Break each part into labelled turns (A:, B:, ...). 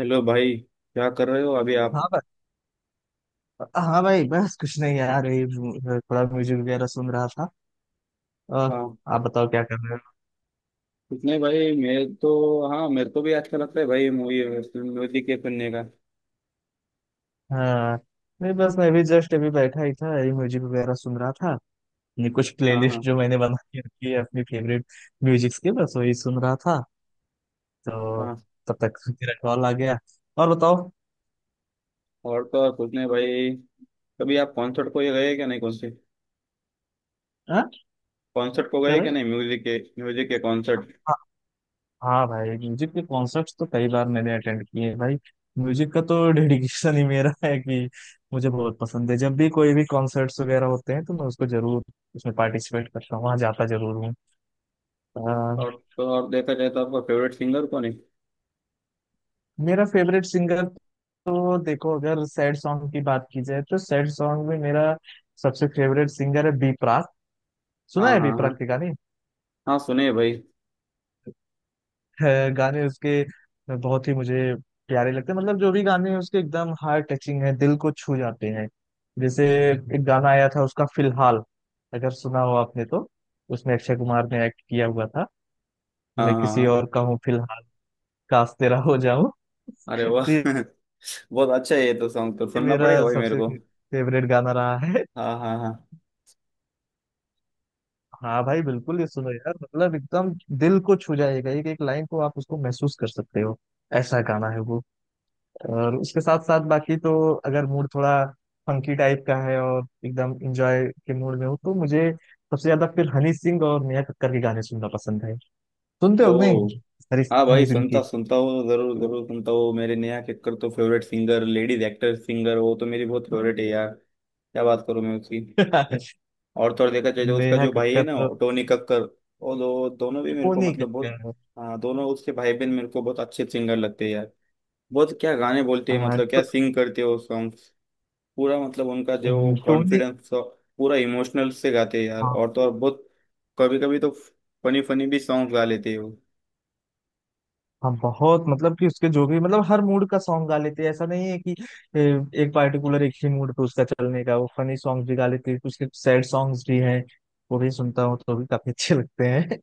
A: Hello भाई, क्या कर रहे हो अभी आप?
B: हाँ भाई हाँ भाई। बस कुछ नहीं यार, यही थोड़ा म्यूजिक वगैरह सुन रहा था। और
A: हाँ,
B: आप बताओ क्या कर रहे हो?
A: कुछ नहीं भाई, मैं तो। हाँ, मेरे को भी अच्छा लगता है भाई मूवी म्यूजिक के सुनने का।
B: हाँ, नहीं बस मैं भी जस्ट अभी बैठा ही था, यही म्यूजिक वगैरह सुन रहा था। ये कुछ
A: हाँ
B: प्लेलिस्ट
A: हाँ
B: जो मैंने बना के रखी है अपनी फेवरेट म्यूजिक्स की, बस वही सुन रहा था तो
A: हाँ।
B: तब तक मेरा कॉल आ गया। और बताओ।
A: और तो और कुछ नहीं भाई। कभी आप कॉन्सर्ट को ये गए क्या? नहीं, कौन से
B: हाँ।
A: कॉन्सर्ट को
B: क्या
A: गए
B: भाई?
A: क्या? नहीं, म्यूजिक के, म्यूजिक के कॉन्सर्ट।
B: हाँ भाई, म्यूजिक के कॉन्सर्ट्स तो कई बार मैंने अटेंड किए हैं भाई। म्यूजिक का तो डेडिकेशन ही मेरा है कि मुझे बहुत पसंद है। जब भी कोई भी कॉन्सर्ट्स वगैरह होते हैं तो मैं उसको जरूर उसमें पार्टिसिपेट करता हूँ, वहाँ जाता जरूर हूँ। अ,
A: और तो और देखा जाए तो आपका फेवरेट सिंगर कौन है?
B: मेरा फेवरेट सिंगर, तो देखो अगर सैड सॉन्ग की बात की जाए तो सैड सॉन्ग में मेरा सबसे फेवरेट सिंगर है बी प्राक। सुना
A: हाँ
B: है बी
A: हाँ
B: प्राक
A: हाँ।
B: के गाने?
A: हाँ सुने भाई।
B: गाने उसके बहुत ही मुझे प्यारे लगते हैं। मतलब जो भी गाने हैं उसके एकदम हार्ट टचिंग है, दिल को छू जाते हैं। जैसे एक गाना आया था उसका फिलहाल, अगर सुना हो आपने तो, उसमें अक्षय कुमार ने एक्ट किया हुआ था।
A: हाँ
B: मैं
A: हाँ
B: किसी
A: हाँ।
B: और का हूँ फिलहाल, काश तेरा हो जाऊं।
A: अरे वाह!
B: तो ये
A: बहुत अच्छा है ये तो, सॉन्ग तो सुनना
B: मेरा
A: पड़ेगा भाई मेरे
B: सबसे
A: को।
B: फेवरेट गाना रहा है।
A: हाँ हाँ हाँ।
B: हाँ भाई, बिल्कुल ये सुनो यार, मतलब एकदम दिल को छू जाएगा। एक एक लाइन को आप उसको महसूस कर सकते हो, ऐसा गाना है वो। और उसके साथ साथ बाकी तो, अगर मूड थोड़ा फंकी टाइप का है और एकदम इंजॉय के मूड में हो तो मुझे सबसे ज्यादा फिर हनी सिंह और नेहा कक्कड़ के गाने सुनना पसंद है। सुनते
A: ओ।
B: हो कि नहीं? हरी,
A: हाँ
B: हनी
A: भाई,
B: सिंह के
A: सुनता सुनता हूँ, जरूर जरूर सुनता हूँ। मेरे नेहा कक्कड़ तो favourite singer, ladies actor singer, वो तो मेरी बहुत फेवरेट है यार। क्या बात करूँ मैं उसकी। और तो और देखा जाए तो उसका
B: नेहा
A: जो भाई है
B: कक्कड़
A: ना,
B: तो,
A: टोनी कक्कर। वो दोनों भी मेरे को
B: टोनी
A: मतलब
B: कक्कड़,
A: बहुत। हाँ, दोनों उसके भाई बहन मेरे को बहुत अच्छे सिंगर लगते हैं यार। बहुत क्या गाने बोलते हैं,
B: आ,
A: मतलब क्या
B: टो-
A: सिंग करते हो सॉन्ग। पूरा मतलब उनका जो
B: टोनी।
A: कॉन्फिडेंस, पूरा इमोशनल से गाते हैं यार,
B: हाँ।
A: और तो और बहुत। कभी कभी तो फनी फनी भी सॉन्ग गा लेते हो।
B: हाँ, बहुत मतलब कि उसके जो भी, मतलब हर मूड का सॉन्ग गा लेते हैं। ऐसा नहीं है कि ए, एक पार्टिकुलर एक ही मूड पे उसका चलने का। वो फनी सॉन्ग भी गा लेते हैं, उसके सैड सॉन्ग्स भी हैं, वो भी सुनता हूँ तो भी काफी अच्छे लगते हैं।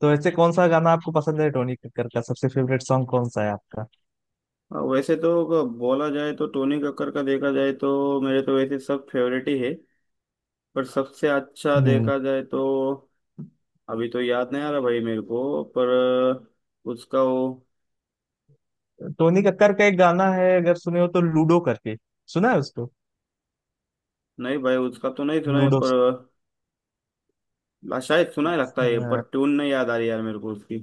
B: तो वैसे कौन सा गाना आपको पसंद है टोनी कक्कर का? सबसे फेवरेट सॉन्ग कौन सा है आपका?
A: हाँ, वैसे तो अगर बोला जाए तो टोनी कक्कर का देखा जाए तो मेरे तो वैसे सब फेवरेट ही है, पर सबसे अच्छा
B: हम्म।
A: देखा जाए तो अभी तो याद नहीं आ रहा भाई मेरे को, पर उसका वो।
B: टोनी कक्कर का एक गाना है, अगर सुने हो तो, लूडो करके। सुना है उसको?
A: नहीं भाई, उसका तो नहीं सुना है,
B: लूडो।
A: पर शायद सुना है लगता
B: अच्छा।
A: है, पर ट्यून नहीं याद आ रही यार मेरे को उसकी।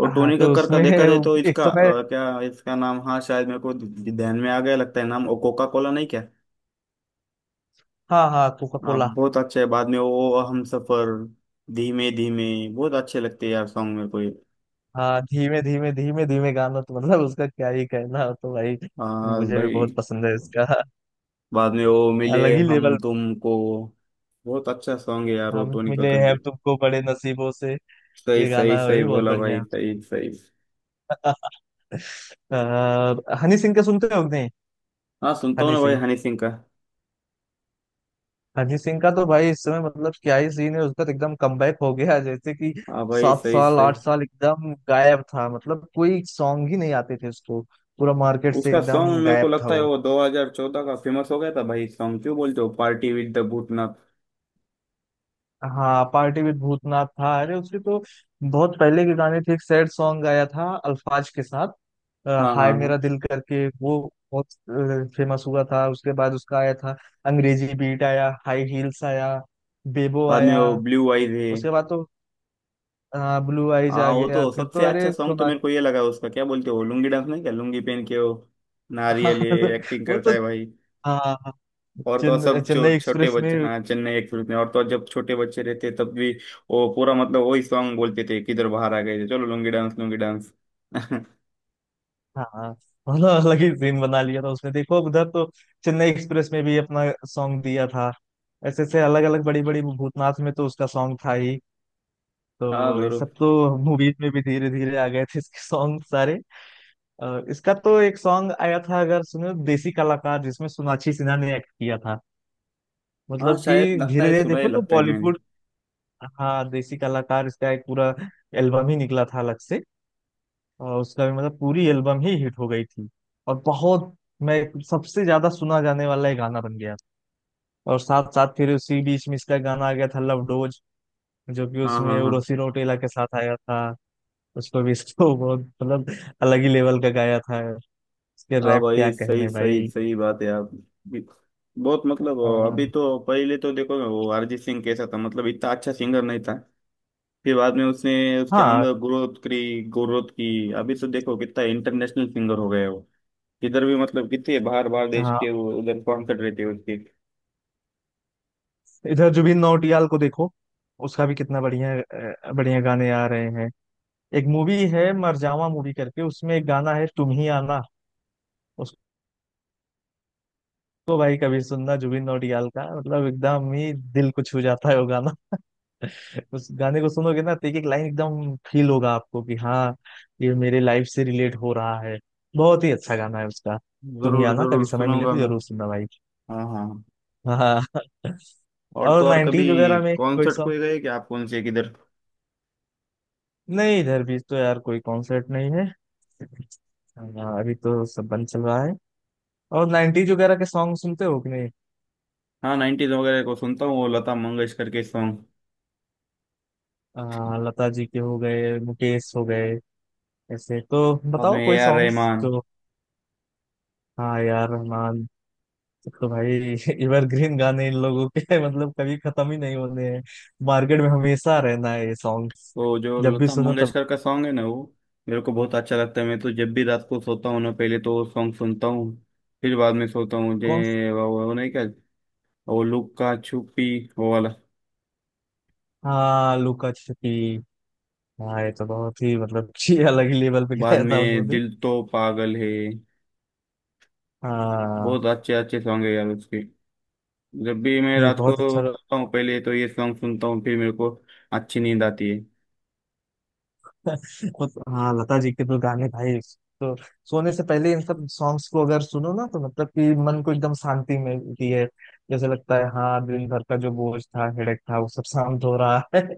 A: और
B: हाँ
A: टोनी
B: तो
A: कक्कर का
B: उसमें
A: देखा जाए तो
B: एक
A: इसका
B: समय,
A: क्या इसका नाम, हाँ शायद मेरे को ध्यान में आ गया लगता है नाम, कोका कोला नहीं क्या?
B: हाँ हाँ कोका
A: आप
B: कोला।
A: बहुत अच्छा है, बाद में वो हम सफर, धीमे धीमे। बहुत अच्छे लगते हैं यार सॉन्ग मेरे को ये।
B: हाँ, धीमे धीमे, धीमे धीमे गाना तो मतलब उसका क्या ही कहना हो तो भाई,
A: हाँ
B: मुझे भी
A: भाई।
B: बहुत पसंद है इसका।
A: बाद में वो मिले,
B: अलग ही
A: हम
B: लेवल।
A: तुमको। बहुत अच्छा सॉन्ग है यार वो
B: हम
A: टोनी
B: मिले
A: कक्कड़ की।
B: हैं तुमको बड़े नसीबों से,
A: सही
B: ये
A: सही
B: गाना
A: सही
B: भी बहुत
A: बोला भाई,
B: बढ़िया
A: सही सही।
B: है। अ, हनी सिंह का सुनते हो कि नहीं?
A: हाँ, सुनता हूँ
B: हनी
A: ना भाई
B: सिंह,
A: हनी सिंह का।
B: अरिजीत सिंह का तो भाई इस समय मतलब क्या ही सीन है। उसका तो एकदम कमबैक हो गया, जैसे कि
A: हाँ भाई,
B: सात
A: सही
B: साल
A: सही।
B: आठ साल एकदम गायब था। मतलब कोई सॉन्ग ही नहीं आते थे उसको, पूरा मार्केट से
A: उसका सॉन्ग
B: एकदम
A: मेरे को
B: गायब था
A: लगता है
B: वो।
A: वो 2014 का फेमस हो गया था भाई सॉन्ग, क्यों बोलते हो, पार्टी विद द भूतनाथ।
B: हाँ, पार्टी विद भूतनाथ था। अरे उसके तो बहुत पहले के गाने थे। एक सैड सॉन्ग आया था अल्फाज के साथ,
A: हाँ
B: हाय
A: हाँ हाँ।
B: मेरा दिल करके, वो बहुत फेमस हुआ था। उसके बाद उसका आया था अंग्रेजी बीट, आया हाई हील्स, आया बेबो।
A: बाद में
B: आया
A: वो ब्लू आईज है।
B: उसके बाद तो हाँ, ब्लू आइज
A: हाँ,
B: आ
A: वो
B: गया,
A: तो
B: फिर तो
A: सबसे अच्छा
B: अरे
A: सॉन्ग तो
B: सोना
A: मेरे को ये लगा उसका, क्या बोलते हो, लुंगी डांस नहीं क्या, लुंगी पहन के वो नारियल ये एक्टिंग
B: वो
A: करता
B: तो।
A: है भाई।
B: हाँ। हाँ,
A: और तो और सब जो
B: चेन्नई
A: छोटे
B: एक्सप्रेस
A: बच्चे,
B: में।
A: हाँ चेन्नई एक्सप्रेस में, और तो और जब छोटे बच्चे रहते तब भी वो पूरा मतलब वही सॉन्ग बोलते थे, किधर बाहर आ गए थे चलो, लुंगी डांस लुंगी डांस। हाँ
B: हाँ, मतलब अलग ही सीन बना लिया था उसने। देखो अब उधर तो चेन्नई एक्सप्रेस में भी अपना सॉन्ग दिया था। ऐसे ऐसे अलग अलग बड़ी बड़ी, भूतनाथ में तो उसका सॉन्ग था ही। तो ये
A: जरूर।
B: सब तो मूवीज में भी धीरे धीरे आ गए थे इसके सॉन्ग सारे। और इसका तो एक सॉन्ग आया था, अगर सुनो, देसी कलाकार, जिसमें सोनाक्षी सिन्हा ने एक्ट किया था।
A: हाँ
B: मतलब कि
A: शायद लगता
B: धीरे
A: है
B: धीरे
A: सुना ही
B: देखो तो
A: लगता है मैंने।
B: बॉलीवुड, हाँ देसी कलाकार इसका एक पूरा एल्बम ही निकला था अलग से। और उसका भी मतलब पूरी एल्बम ही हिट हो गई थी। और बहुत, मैं सबसे ज्यादा सुना जाने वाला ये गाना बन गया। और साथ साथ फिर उसी बीच में इसका गाना आ गया था लव डोज, जो कि
A: हाँ हाँ
B: उसमें
A: हाँ।
B: उर्वशी रौटेला के साथ आया था। उसको भी इसको बहुत मतलब अलग ही लेवल का गाया था। इसके
A: हाँ
B: रैप क्या
A: भाई, सही
B: कहने
A: सही
B: भाई।
A: सही बात है आप, बहुत मतलब। अभी
B: अ,
A: तो पहले तो देखो वो अरिजीत सिंह कैसा था, मतलब इतना अच्छा सिंगर नहीं था, फिर बाद में उसने उसके
B: हाँ
A: अंदर ग्रोथ करी, ग्रोथ की। अभी तो देखो कितना इंटरनेशनल सिंगर हो गया वो, इधर भी मतलब कितने बाहर बाहर देश
B: हाँ,
A: के वो उधर कॉन्सर्ट रहते हैं उसके।
B: इधर जुबिन नौटियाल को देखो, उसका भी कितना बढ़िया बढ़िया गाने आ रहे हैं। एक मूवी है मरजावा मूवी करके, उसमें एक गाना है तुम ही आना, उसको भाई कभी सुनना जुबिन नौटियाल का, मतलब एकदम ही दिल को छू जाता है वो गाना। उस गाने को सुनोगे ना तो एक एक लाइन एकदम फील होगा आपको कि हाँ ये मेरे लाइफ से रिलेट हो रहा है। बहुत ही अच्छा गाना है उसका, तुम ही
A: जरूर
B: आना, कभी
A: जरूर
B: समय मिले
A: सुनूंगा
B: तो
A: मैं।
B: जरूर सुनना भाई।
A: हाँ हाँ।
B: हाँ।
A: और तो
B: और
A: और
B: नाइनटीज
A: कभी
B: वगैरह में कोई
A: कॉन्सर्ट
B: सॉन्ग,
A: को गए क्या आप, कौन से, किधर?
B: नहीं इधर भी तो यार कोई कॉन्सर्ट नहीं है। हाँ, अभी तो सब बंद चल रहा है। और नाइनटीज वगैरह के सॉन्ग सुनते हो कि,
A: हाँ, नाइन्टीज वगैरह को सुनता हूँ, वो लता मंगेशकर के सॉन्ग,
B: लता जी के हो गए, मुकेश हो गए, ऐसे तो
A: बाद में
B: बताओ
A: ए
B: कोई
A: आर
B: सॉन्ग्स
A: रहमान।
B: जो। हाँ यार रहमान, ये तो भाई एवरग्रीन गाने इन लोगों के मतलब कभी खत्म ही नहीं होने हैं, मार्केट में हमेशा रहना है ये सॉन्ग्स,
A: तो जो
B: जब भी
A: लता
B: सुनो तब।
A: मंगेशकर का सॉन्ग है ना, वो मेरे को बहुत अच्छा लगता है, मैं तो जब भी रात को सोता हूँ ना पहले तो वो सॉन्ग सुनता हूँ फिर बाद में सोता हूँ।
B: कौन?
A: जे वो नहीं क्या, वो लुक्का छुपी वो वाला।
B: हाँ लुका छुपी। हाँ, ये तो बहुत ही मतलब कि अलग ही लेवल पे
A: बाद
B: गाया था
A: में
B: उन्होंने।
A: दिल तो पागल है।
B: हाँ।
A: बहुत अच्छे अच्छे सॉन्ग है यार उसके। जब भी मैं
B: ये
A: रात को
B: बहुत अच्छा।
A: सोता हूँ पहले तो ये सॉन्ग सुनता हूँ फिर मेरे को अच्छी नींद आती है।
B: मतलब हाँ, लता जी के तो गाने भाई, तो सोने से पहले इन सब सॉन्ग्स को अगर सुनो ना तो मतलब कि मन को एकदम शांति मिलती है। जैसे लगता है हाँ, दिन भर का जो बोझ था, हेडेक था, वो सब शांत हो रहा है।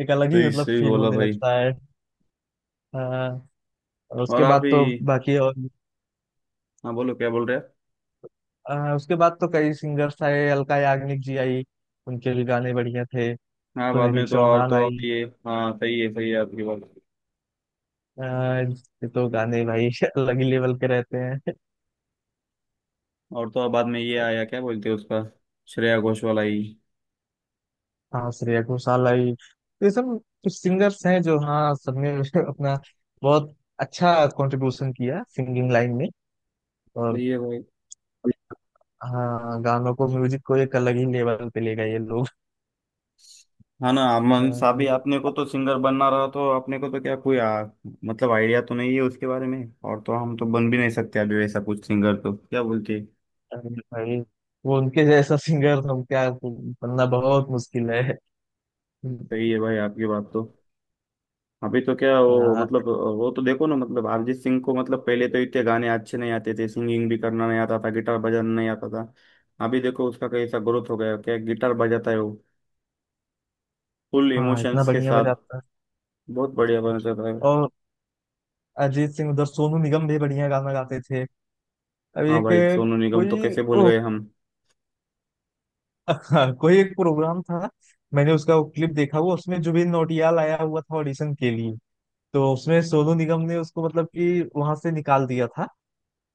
B: एक अलग
A: तो
B: ही मतलब
A: इससे भी
B: फील
A: बोला
B: होने
A: भाई।
B: लगता है। हाँ। और
A: और
B: उसके
A: आप
B: बाद
A: ही,
B: तो बाकी और,
A: हाँ बोलो क्या बोल रहे हैं।
B: हाँ उसके बाद तो कई सिंगर्स आए। अलका याग्निक जी आई उनके भी गाने बढ़िया थे।
A: हाँ बाद
B: सुनिधि
A: में तो और,
B: चौहान
A: तो
B: आई,
A: आप ये, हाँ सही है आपकी बात।
B: हाँ ये तो गाने भाई अलग ही लेवल के रहते हैं।
A: और तो बाद में ये आया, क्या बोलते हैं उसका, श्रेया घोष वाला ही।
B: हाँ, श्रेया घोषाल आई। ये सब कुछ सिंगर्स हैं जो, हाँ सबने अपना बहुत अच्छा कंट्रीब्यूशन किया सिंगिंग लाइन में। और
A: सही है भाई।
B: हाँ, गानों को, म्यूजिक को एक अलग ही लेवल पे ले गए ये लोग।
A: हाँ ना अमन साहब ही,
B: अम,
A: आपने को तो सिंगर बनना रहा तो अपने को तो क्या कोई मतलब आइडिया तो नहीं है उसके बारे में। और तो हम तो बन भी नहीं सकते अभी वैसा कुछ सिंगर तो क्या बोलती है।
B: अरे भाई, वो उनके जैसा सिंगर हम क्या बनना, बहुत मुश्किल है।
A: सही है भाई आपकी बात तो। अभी तो क्या वो
B: हाँ।
A: मतलब वो तो देखो ना, मतलब अरिजीत सिंह को मतलब पहले तो इतने गाने अच्छे नहीं आते थे, सिंगिंग भी करना नहीं आता था, गिटार बजाना नहीं आता था। अभी देखो उसका कैसा ग्रोथ हो गया, क्या गिटार बजाता है वो, फुल
B: हाँ, इतना
A: इमोशंस के
B: बढ़िया
A: साथ,
B: बजाता
A: बहुत बढ़िया
B: है।
A: बना जाता है।
B: और अरिजीत सिंह, उधर सोनू निगम भी बढ़िया गाना गाते थे। अब
A: हाँ
B: एक
A: भाई सोनू निगम तो
B: कोई,
A: कैसे भूल गए हम।
B: हाँ कोई एक प्रोग्राम था, मैंने उसका वो क्लिप देखा हुआ। उसमें जुबिन नौटियाल आया हुआ था ऑडिशन के लिए, तो उसमें सोनू निगम ने उसको मतलब कि वहां से निकाल दिया था,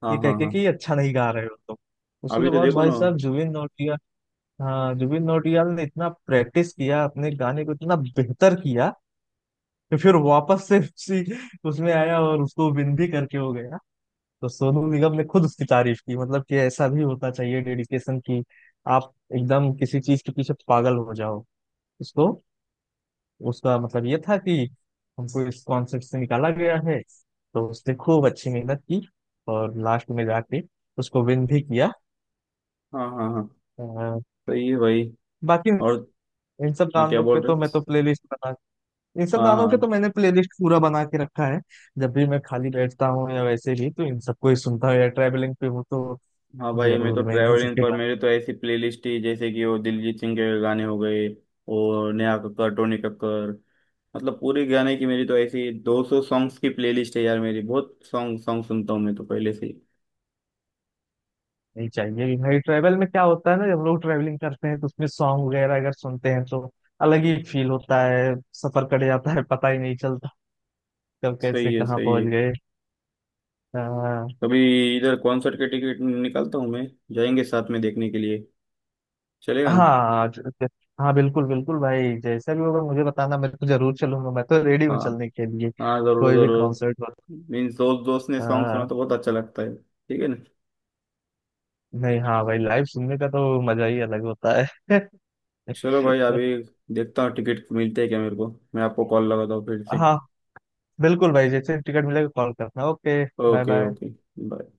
A: हाँ
B: ये कह
A: हाँ
B: के
A: हाँ।
B: कि अच्छा नहीं गा रहे हो तुम।
A: अभी
B: उसके
A: तो
B: बाद
A: देखो
B: भाई
A: ना।
B: साहब जुबिन नौटियाल, हाँ जुबिन नौटियाल ने इतना प्रैक्टिस किया, अपने गाने को इतना बेहतर किया कि फिर वापस से उसी उसमें आया और उसको विन भी करके हो गया। तो सोनू निगम ने खुद उसकी तारीफ की, मतलब कि ऐसा भी होता चाहिए डेडिकेशन की आप एकदम किसी चीज के पीछे पागल हो जाओ। इसको, उसका मतलब ये था कि हमको इस कॉन्सेप्ट से निकाला गया है, तो उसने खूब अच्छी मेहनत की और लास्ट में जाके उसको विन भी किया।
A: हाँ हाँ हाँ।
B: अ,
A: सही है भाई।
B: बाकी
A: और
B: इन सब
A: हाँ, क्या
B: गानों के
A: बोल रहे
B: तो
A: हो।
B: मैं तो प्लेलिस्ट बना, इन सब
A: हाँ
B: गानों के
A: हाँ।
B: तो मैंने प्लेलिस्ट पूरा बना के रखा है। जब भी मैं खाली बैठता हूँ या वैसे भी तो इन सबको ही सुनता हूँ, या ट्रैवलिंग पे हूँ तो
A: हाँ भाई, मैं तो
B: जरूर मैं इन
A: ट्रैवलिंग
B: सबके,
A: पर, मेरे तो ऐसी प्लेलिस्ट ही जैसे कि वो दिलजीत सिंह के गाने हो गए और नेहा कक्कड़ टोनी कक्कड़, मतलब पूरे गाने की मेरी तो ऐसी 200 सॉन्ग्स की प्लेलिस्ट है यार मेरी, बहुत सॉन्ग सॉन्ग सुनता हूँ मैं तो पहले से ही।
B: नहीं चाहिए कि भाई ट्रैवल में क्या होता है ना, जब हम लोग ट्रैवलिंग करते हैं तो उसमें सॉन्ग वगैरह अगर सुनते हैं तो अलग ही फील होता है। सफर कट जाता है, पता ही नहीं चलता कब
A: सही
B: कैसे
A: है
B: कहाँ
A: सही
B: पहुंच
A: है।
B: गए। अ,
A: कभी इधर कॉन्सर्ट के टिकट निकालता हूँ मैं, जाएंगे साथ में देखने के लिए, चलेगा ना?
B: हाँ हाँ बिल्कुल बिल्कुल भाई, जैसा भी होगा मुझे बताना, मैं तो जरूर चलूंगा, मैं तो रेडी हूँ
A: हाँ
B: चलने के लिए।
A: हाँ, जरूर
B: कोई भी
A: जरूर।
B: कॉन्सर्ट हो।
A: मीन्स दोस्त दोस्त ने सॉन्ग
B: अ,
A: सुना तो बहुत अच्छा लगता है, ठीक है ना।
B: नहीं हाँ भाई, लाइव सुनने का तो मजा ही अलग होता है।
A: चलो भाई, अभी देखता हूँ टिकट मिलते हैं क्या मेरे को, मैं आपको कॉल लगाता हूँ फिर से।
B: हाँ बिल्कुल भाई, जैसे टिकट मिलेगा कॉल करना, okay. Bye
A: okay
B: bye.
A: Okay. Bye.